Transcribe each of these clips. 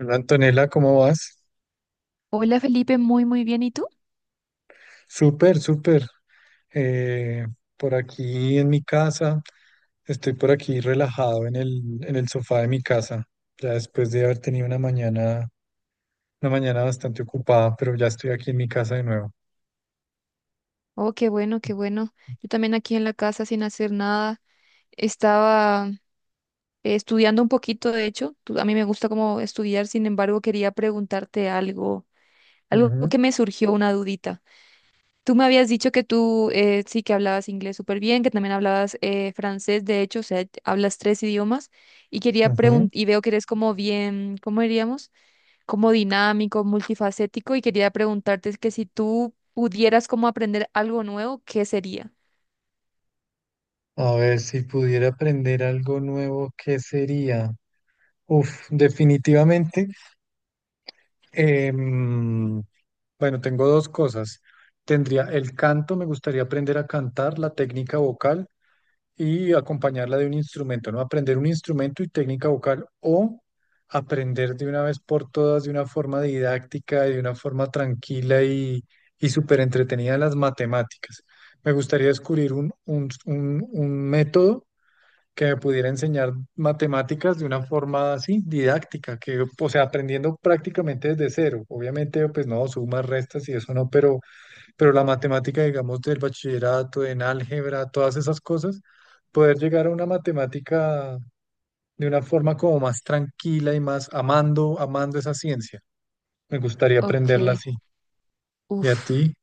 Hola Antonella, ¿cómo vas? Hola Felipe, muy muy bien. ¿Y tú? Súper, súper. Eh, por aquí en mi casa, estoy por aquí relajado en en el sofá de mi casa, ya después de haber tenido una mañana bastante ocupada, pero ya estoy aquí en mi casa de nuevo. Oh, qué bueno, qué bueno. Yo también aquí en la casa sin hacer nada. Estaba estudiando un poquito, de hecho. A mí me gusta como estudiar, sin embargo, quería preguntarte algo, algo Ujú, que me surgió una dudita. Tú me habías dicho que tú sí que hablabas inglés súper bien, que también hablabas francés, de hecho, o sea, hablas tres idiomas y quería ujú. preguntar, y veo que eres como bien, ¿cómo diríamos? Como dinámico, multifacético y quería preguntarte es que si tú pudieras como aprender algo nuevo, ¿qué sería? A ver, si pudiera aprender algo nuevo, ¿qué sería? Uf, definitivamente. em, Bueno, tengo dos cosas. Tendría el canto, me gustaría aprender a cantar, la técnica vocal y acompañarla de un instrumento, ¿no? Aprender un instrumento y técnica vocal o aprender de una vez por todas, de una forma didáctica y de una forma tranquila y súper entretenida las matemáticas. Me gustaría descubrir un método que me pudiera enseñar matemáticas de una forma así, didáctica, que, o sea, aprendiendo prácticamente desde cero. Obviamente, pues no, sumas, restas y eso no, pero la matemática, digamos, del bachillerato, en álgebra, todas esas cosas, poder llegar a una matemática de una forma como más tranquila y más amando, amando esa ciencia. Me gustaría Ok, aprenderla así. ¿Y a uff. ti?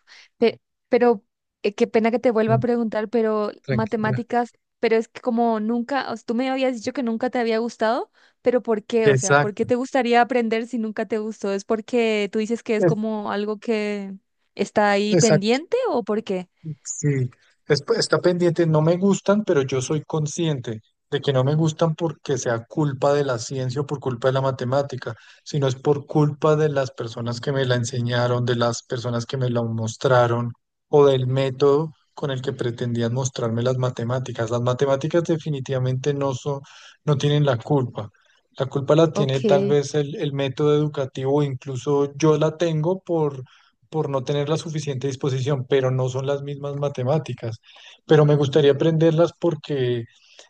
Pero qué pena que te vuelva a Mm, preguntar, pero tranquila. matemáticas, pero es que como nunca, o sea, tú me habías dicho que nunca te había gustado, pero ¿por qué? O sea, ¿por Exacto. qué te gustaría aprender si nunca te gustó? ¿Es porque tú dices que es Es- como algo que está ahí Exacto. pendiente o por qué? Sí, es- pues, está pendiente, no me gustan, pero yo soy consciente de que no me gustan porque sea culpa de la ciencia o por culpa de la matemática, sino es por culpa de las personas que me la enseñaron, de las personas que me la mostraron o del método con el que pretendían mostrarme las matemáticas. Las matemáticas definitivamente no son, no tienen la culpa. La culpa la tiene Ok, tal vez el método educativo, o incluso yo la tengo por no tener la suficiente disposición, pero no son las mismas matemáticas. Pero me gustaría aprenderlas porque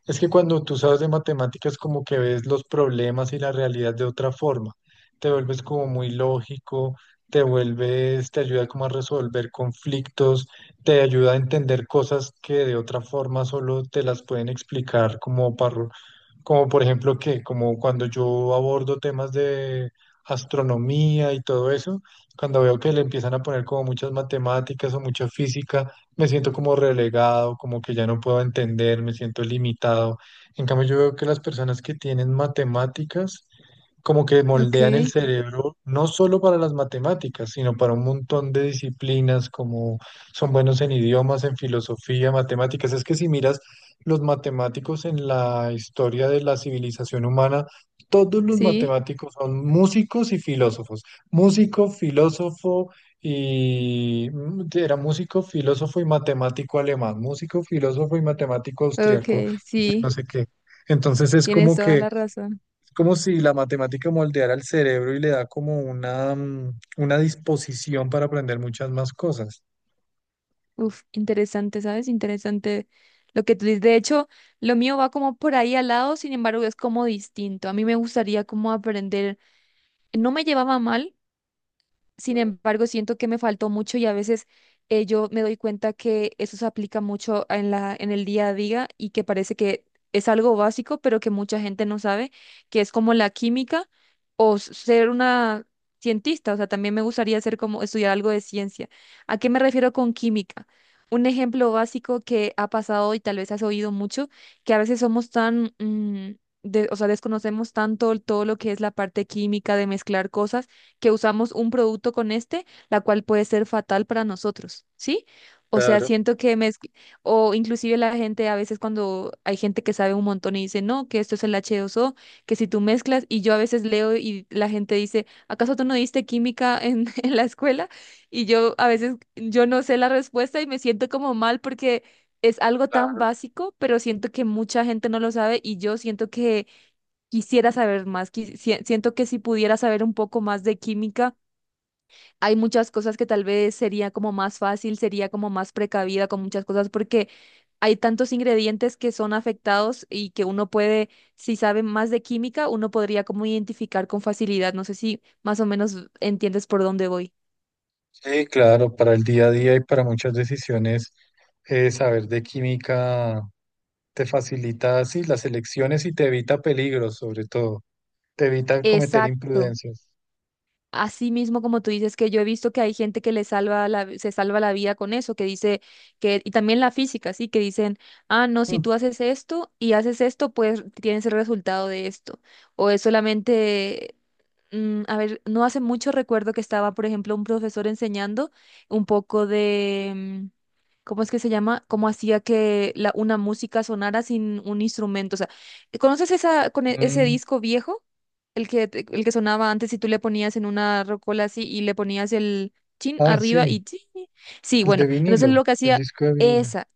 es que cuando tú sabes de matemáticas, como que ves los problemas y la realidad de otra forma, te vuelves como muy lógico, te vuelves, te ayuda como a resolver conflictos, te ayuda a entender cosas que de otra forma solo te las pueden explicar como por ejemplo que, como cuando yo abordo temas de astronomía y todo eso, cuando veo que le empiezan a poner como muchas matemáticas o mucha física, me siento como relegado, como que ya no puedo entender, me siento limitado. En cambio, yo veo que las personas que tienen matemáticas como que moldean el ok, cerebro no solo para las matemáticas, sino para un montón de disciplinas, como son buenos en idiomas, en filosofía, matemáticas. Es que si miras los matemáticos en la historia de la civilización humana, todos los sí, matemáticos son músicos y filósofos. Músico, filósofo y era músico, filósofo y matemático alemán, músico, filósofo y matemático austriaco, ok, sí, no sé qué. Entonces es tienes como toda que la razón. es como si la matemática moldeara el cerebro y le da como una, una disposición para aprender muchas más cosas. Uf, interesante, ¿sabes? Interesante lo que tú dices. De hecho, lo mío va como por ahí al lado, sin embargo, es como distinto. A mí me gustaría como aprender, no me llevaba mal, sin embargo, siento que me faltó mucho y a veces yo me doy cuenta que eso se aplica mucho en la, en el día a día y que parece que es algo básico, pero que mucha gente no sabe, que es como la química o ser una cientista. O sea, también me gustaría ser como estudiar algo de ciencia. ¿A qué me refiero con química? Un ejemplo básico que ha pasado y tal vez has oído mucho, que a veces somos tan, o sea, desconocemos tanto todo lo que es la parte química de mezclar cosas que usamos un producto con este, la cual puede ser fatal para nosotros, ¿sí? O sea, Claro, o inclusive la gente a veces cuando hay gente que sabe un montón y dice, no, que esto es el H2O, que si tú mezclas, y yo a veces leo y la gente dice, ¿acaso tú no diste química en, en la escuela? Y yo a veces, yo no sé la respuesta y me siento como mal porque es algo tan claro. básico, pero siento que mucha gente no lo sabe y yo siento que quisiera saber más, siento que si pudiera saber un poco más de química, hay muchas cosas que tal vez sería como más fácil, sería como más precavida con muchas cosas, porque hay tantos ingredientes que son afectados y que uno puede, si sabe más de química, uno podría como identificar con facilidad. No sé si más o menos entiendes por dónde voy. Sí, claro, para el día a día y para muchas decisiones, saber de química te facilita así las elecciones y te evita peligros, sobre todo. Te evita cometer Exacto. imprudencias. Así mismo, como tú dices, que yo he visto que hay gente que le salva la, se salva la vida con eso, que dice que, y también la física, sí, que dicen, ah, no, si Mm. tú haces esto y haces esto, pues tienes el resultado de esto. O es solamente a ver, no hace mucho recuerdo que estaba, por ejemplo, un profesor enseñando un poco de, ¿cómo es que se llama? Cómo hacía que la, una música sonara sin un instrumento. O sea, ¿conoces esa, con ese Mm, disco viejo? El que, el que sonaba antes y tú le ponías en una rocola así y le ponías el chin ah, arriba sí, y chin. Sí, el de bueno, entonces vinilo, lo que el hacía... disco de vinilo. Esa,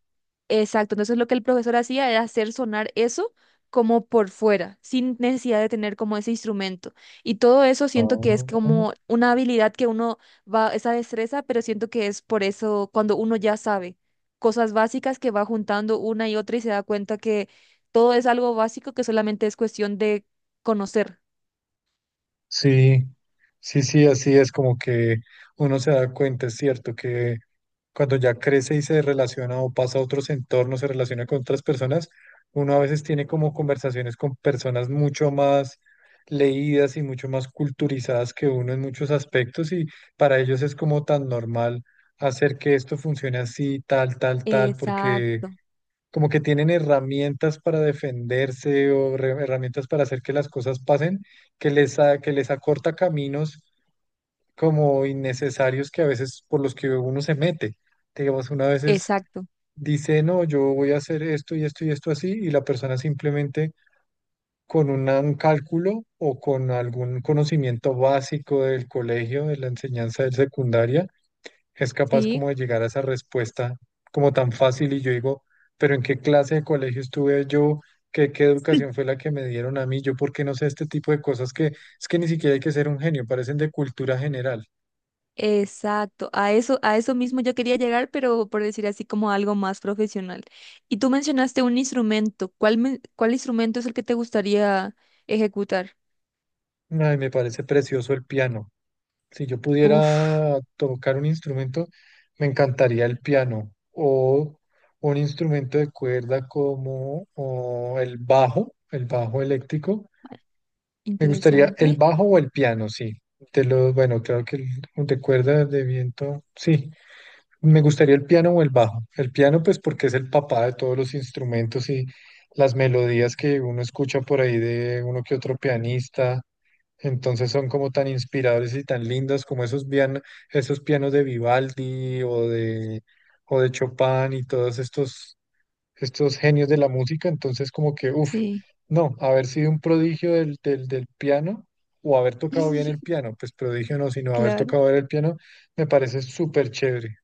exacto, entonces lo que el profesor hacía era hacer sonar eso como por fuera, sin necesidad de tener como ese instrumento. Y todo eso siento que es Ah, como una habilidad que uno va, esa destreza, pero siento que es por eso cuando uno ya sabe cosas básicas que va juntando una y otra y se da cuenta que todo es algo básico que solamente es cuestión de conocer. sí, sí, sí, así es. Como que uno se da cuenta, es cierto, que cuando ya crece y se relaciona o pasa a otros entornos, se relaciona con otras personas, uno a veces tiene como conversaciones con personas mucho más leídas y mucho más culturizadas que uno en muchos aspectos, y para ellos es como tan normal hacer que esto funcione así, tal, tal, tal, porque Exacto, como que tienen herramientas para defenderse o re- herramientas para hacer que las cosas pasen, que les, a- que les acorta caminos como innecesarios que a veces por los que uno se mete. Digamos, una vez veces exacto. dice, no, yo voy a hacer esto y esto y esto así, y la persona simplemente con una- un cálculo o con algún conocimiento básico del colegio, de la enseñanza del secundaria, es capaz Sí. como de llegar a esa respuesta como tan fácil y yo digo, pero ¿en qué clase de colegio estuve yo? ¿Qué, qué educación fue la que me dieron a mí? Yo, ¿por qué no sé este tipo de cosas que es que ni siquiera hay que ser un genio, parecen de cultura general? Exacto, a eso mismo yo quería llegar, pero por decir así como algo más profesional. Y tú mencionaste un instrumento. ¿Cuál, cuál instrumento es el que te gustaría ejecutar? Ay, me parece precioso el piano. Si yo Uf, pudiera tocar un instrumento, me encantaría el piano o un instrumento de cuerda como o el bajo eléctrico. Me gustaría el interesante. bajo o el piano, sí. De los, bueno, claro que el de cuerda de viento, sí. Me gustaría el piano o el bajo. El piano, pues porque es el papá de todos los instrumentos y las melodías que uno escucha por ahí de uno que otro pianista. Entonces son como tan inspiradores y tan lindas como esos pianos de Vivaldi o de Chopin y todos estos, estos genios de la música. Entonces como que, uff, Sí. no, haber sido un prodigio del piano o haber tocado bien el piano, pues prodigio no, sino haber Claro, tocado bien el piano, me parece súper chévere.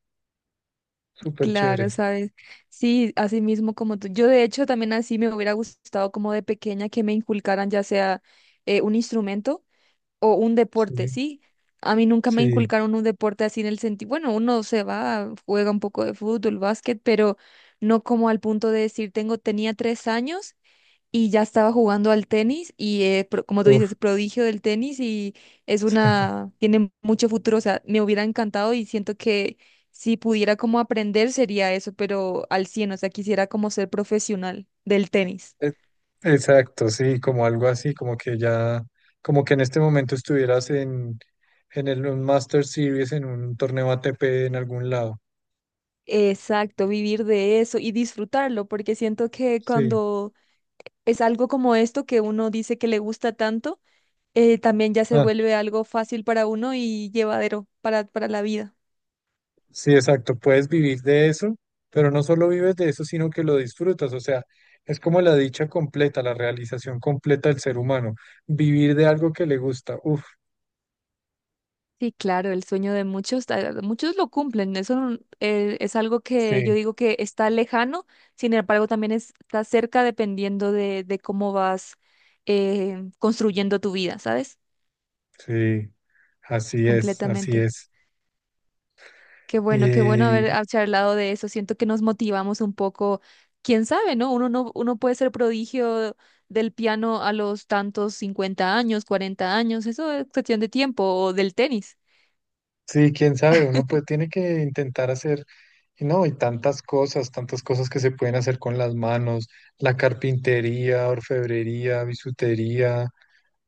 Súper claro, chévere. sabes. Sí, así mismo como tú. Yo de hecho también así me hubiera gustado como de pequeña que me inculcaran ya sea un instrumento o un deporte, Sí, ¿sí? A mí nunca me sí. inculcaron un deporte así en el sentido, bueno, uno se va, juega un poco de fútbol, básquet, pero no como al punto de decir, tengo, tenía 3 años y ya estaba jugando al tenis y como tú Uf. dices, prodigio del tenis y es una, tiene mucho futuro, o sea, me hubiera encantado y siento que si pudiera como aprender sería eso, pero al 100 o sea, quisiera como ser profesional del tenis. E- exacto, sí, como algo así, como que ya, como que en este momento estuvieras en el, un Master Series, en un torneo ATP en algún lado. Exacto, vivir de eso y disfrutarlo, porque siento que Sí, cuando es algo como esto que uno dice que le gusta tanto, también ya se ah, vuelve algo fácil para uno y llevadero para la vida. sí, exacto. Puedes vivir de eso, pero no solo vives de eso, sino que lo disfrutas. O sea, es como la dicha completa, la realización completa del ser humano. Vivir de algo que le gusta. Uf, Sí, claro, el sueño de muchos, ah, muchos lo cumplen. Eso es algo que yo sí, digo que está lejano, sin embargo, también está cerca dependiendo de cómo vas construyendo tu vida, ¿sabes? sí, así es, así Completamente. Qué bueno es. haber, ah, charlado de eso. Siento que nos motivamos un poco. Quién sabe, ¿no? Uno no, uno puede ser prodigio del piano a los tantos 50 años, 40 años. Eso es cuestión de tiempo o del tenis. Sí, quién sabe, uno pues tiene que intentar hacer, y no, y tantas cosas que se pueden hacer con las manos, la carpintería, orfebrería, bisutería,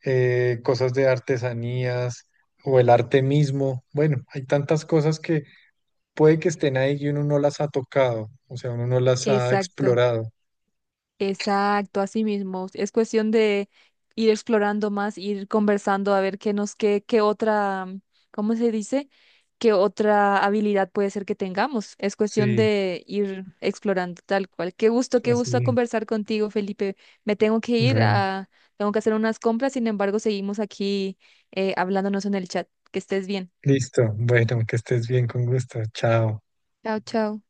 cosas de artesanías o el arte mismo. Bueno, hay tantas cosas que puede que estén ahí y uno no las ha tocado, o sea, uno no las ha Exacto. explorado. Exacto, así mismo. Es cuestión de ir explorando más, ir conversando a ver qué nos, qué, qué otra, ¿cómo se dice? ¿Qué otra habilidad puede ser que tengamos? Es cuestión Sí, de ir explorando tal cual. Qué así. gusto Es. conversar contigo, Felipe. Me tengo que ir Bueno, a, tengo que hacer unas compras, sin embargo, seguimos aquí hablándonos en el chat. Que estés bien. listo. Bueno, que estés bien, con gusto. Chao. Chao, chao.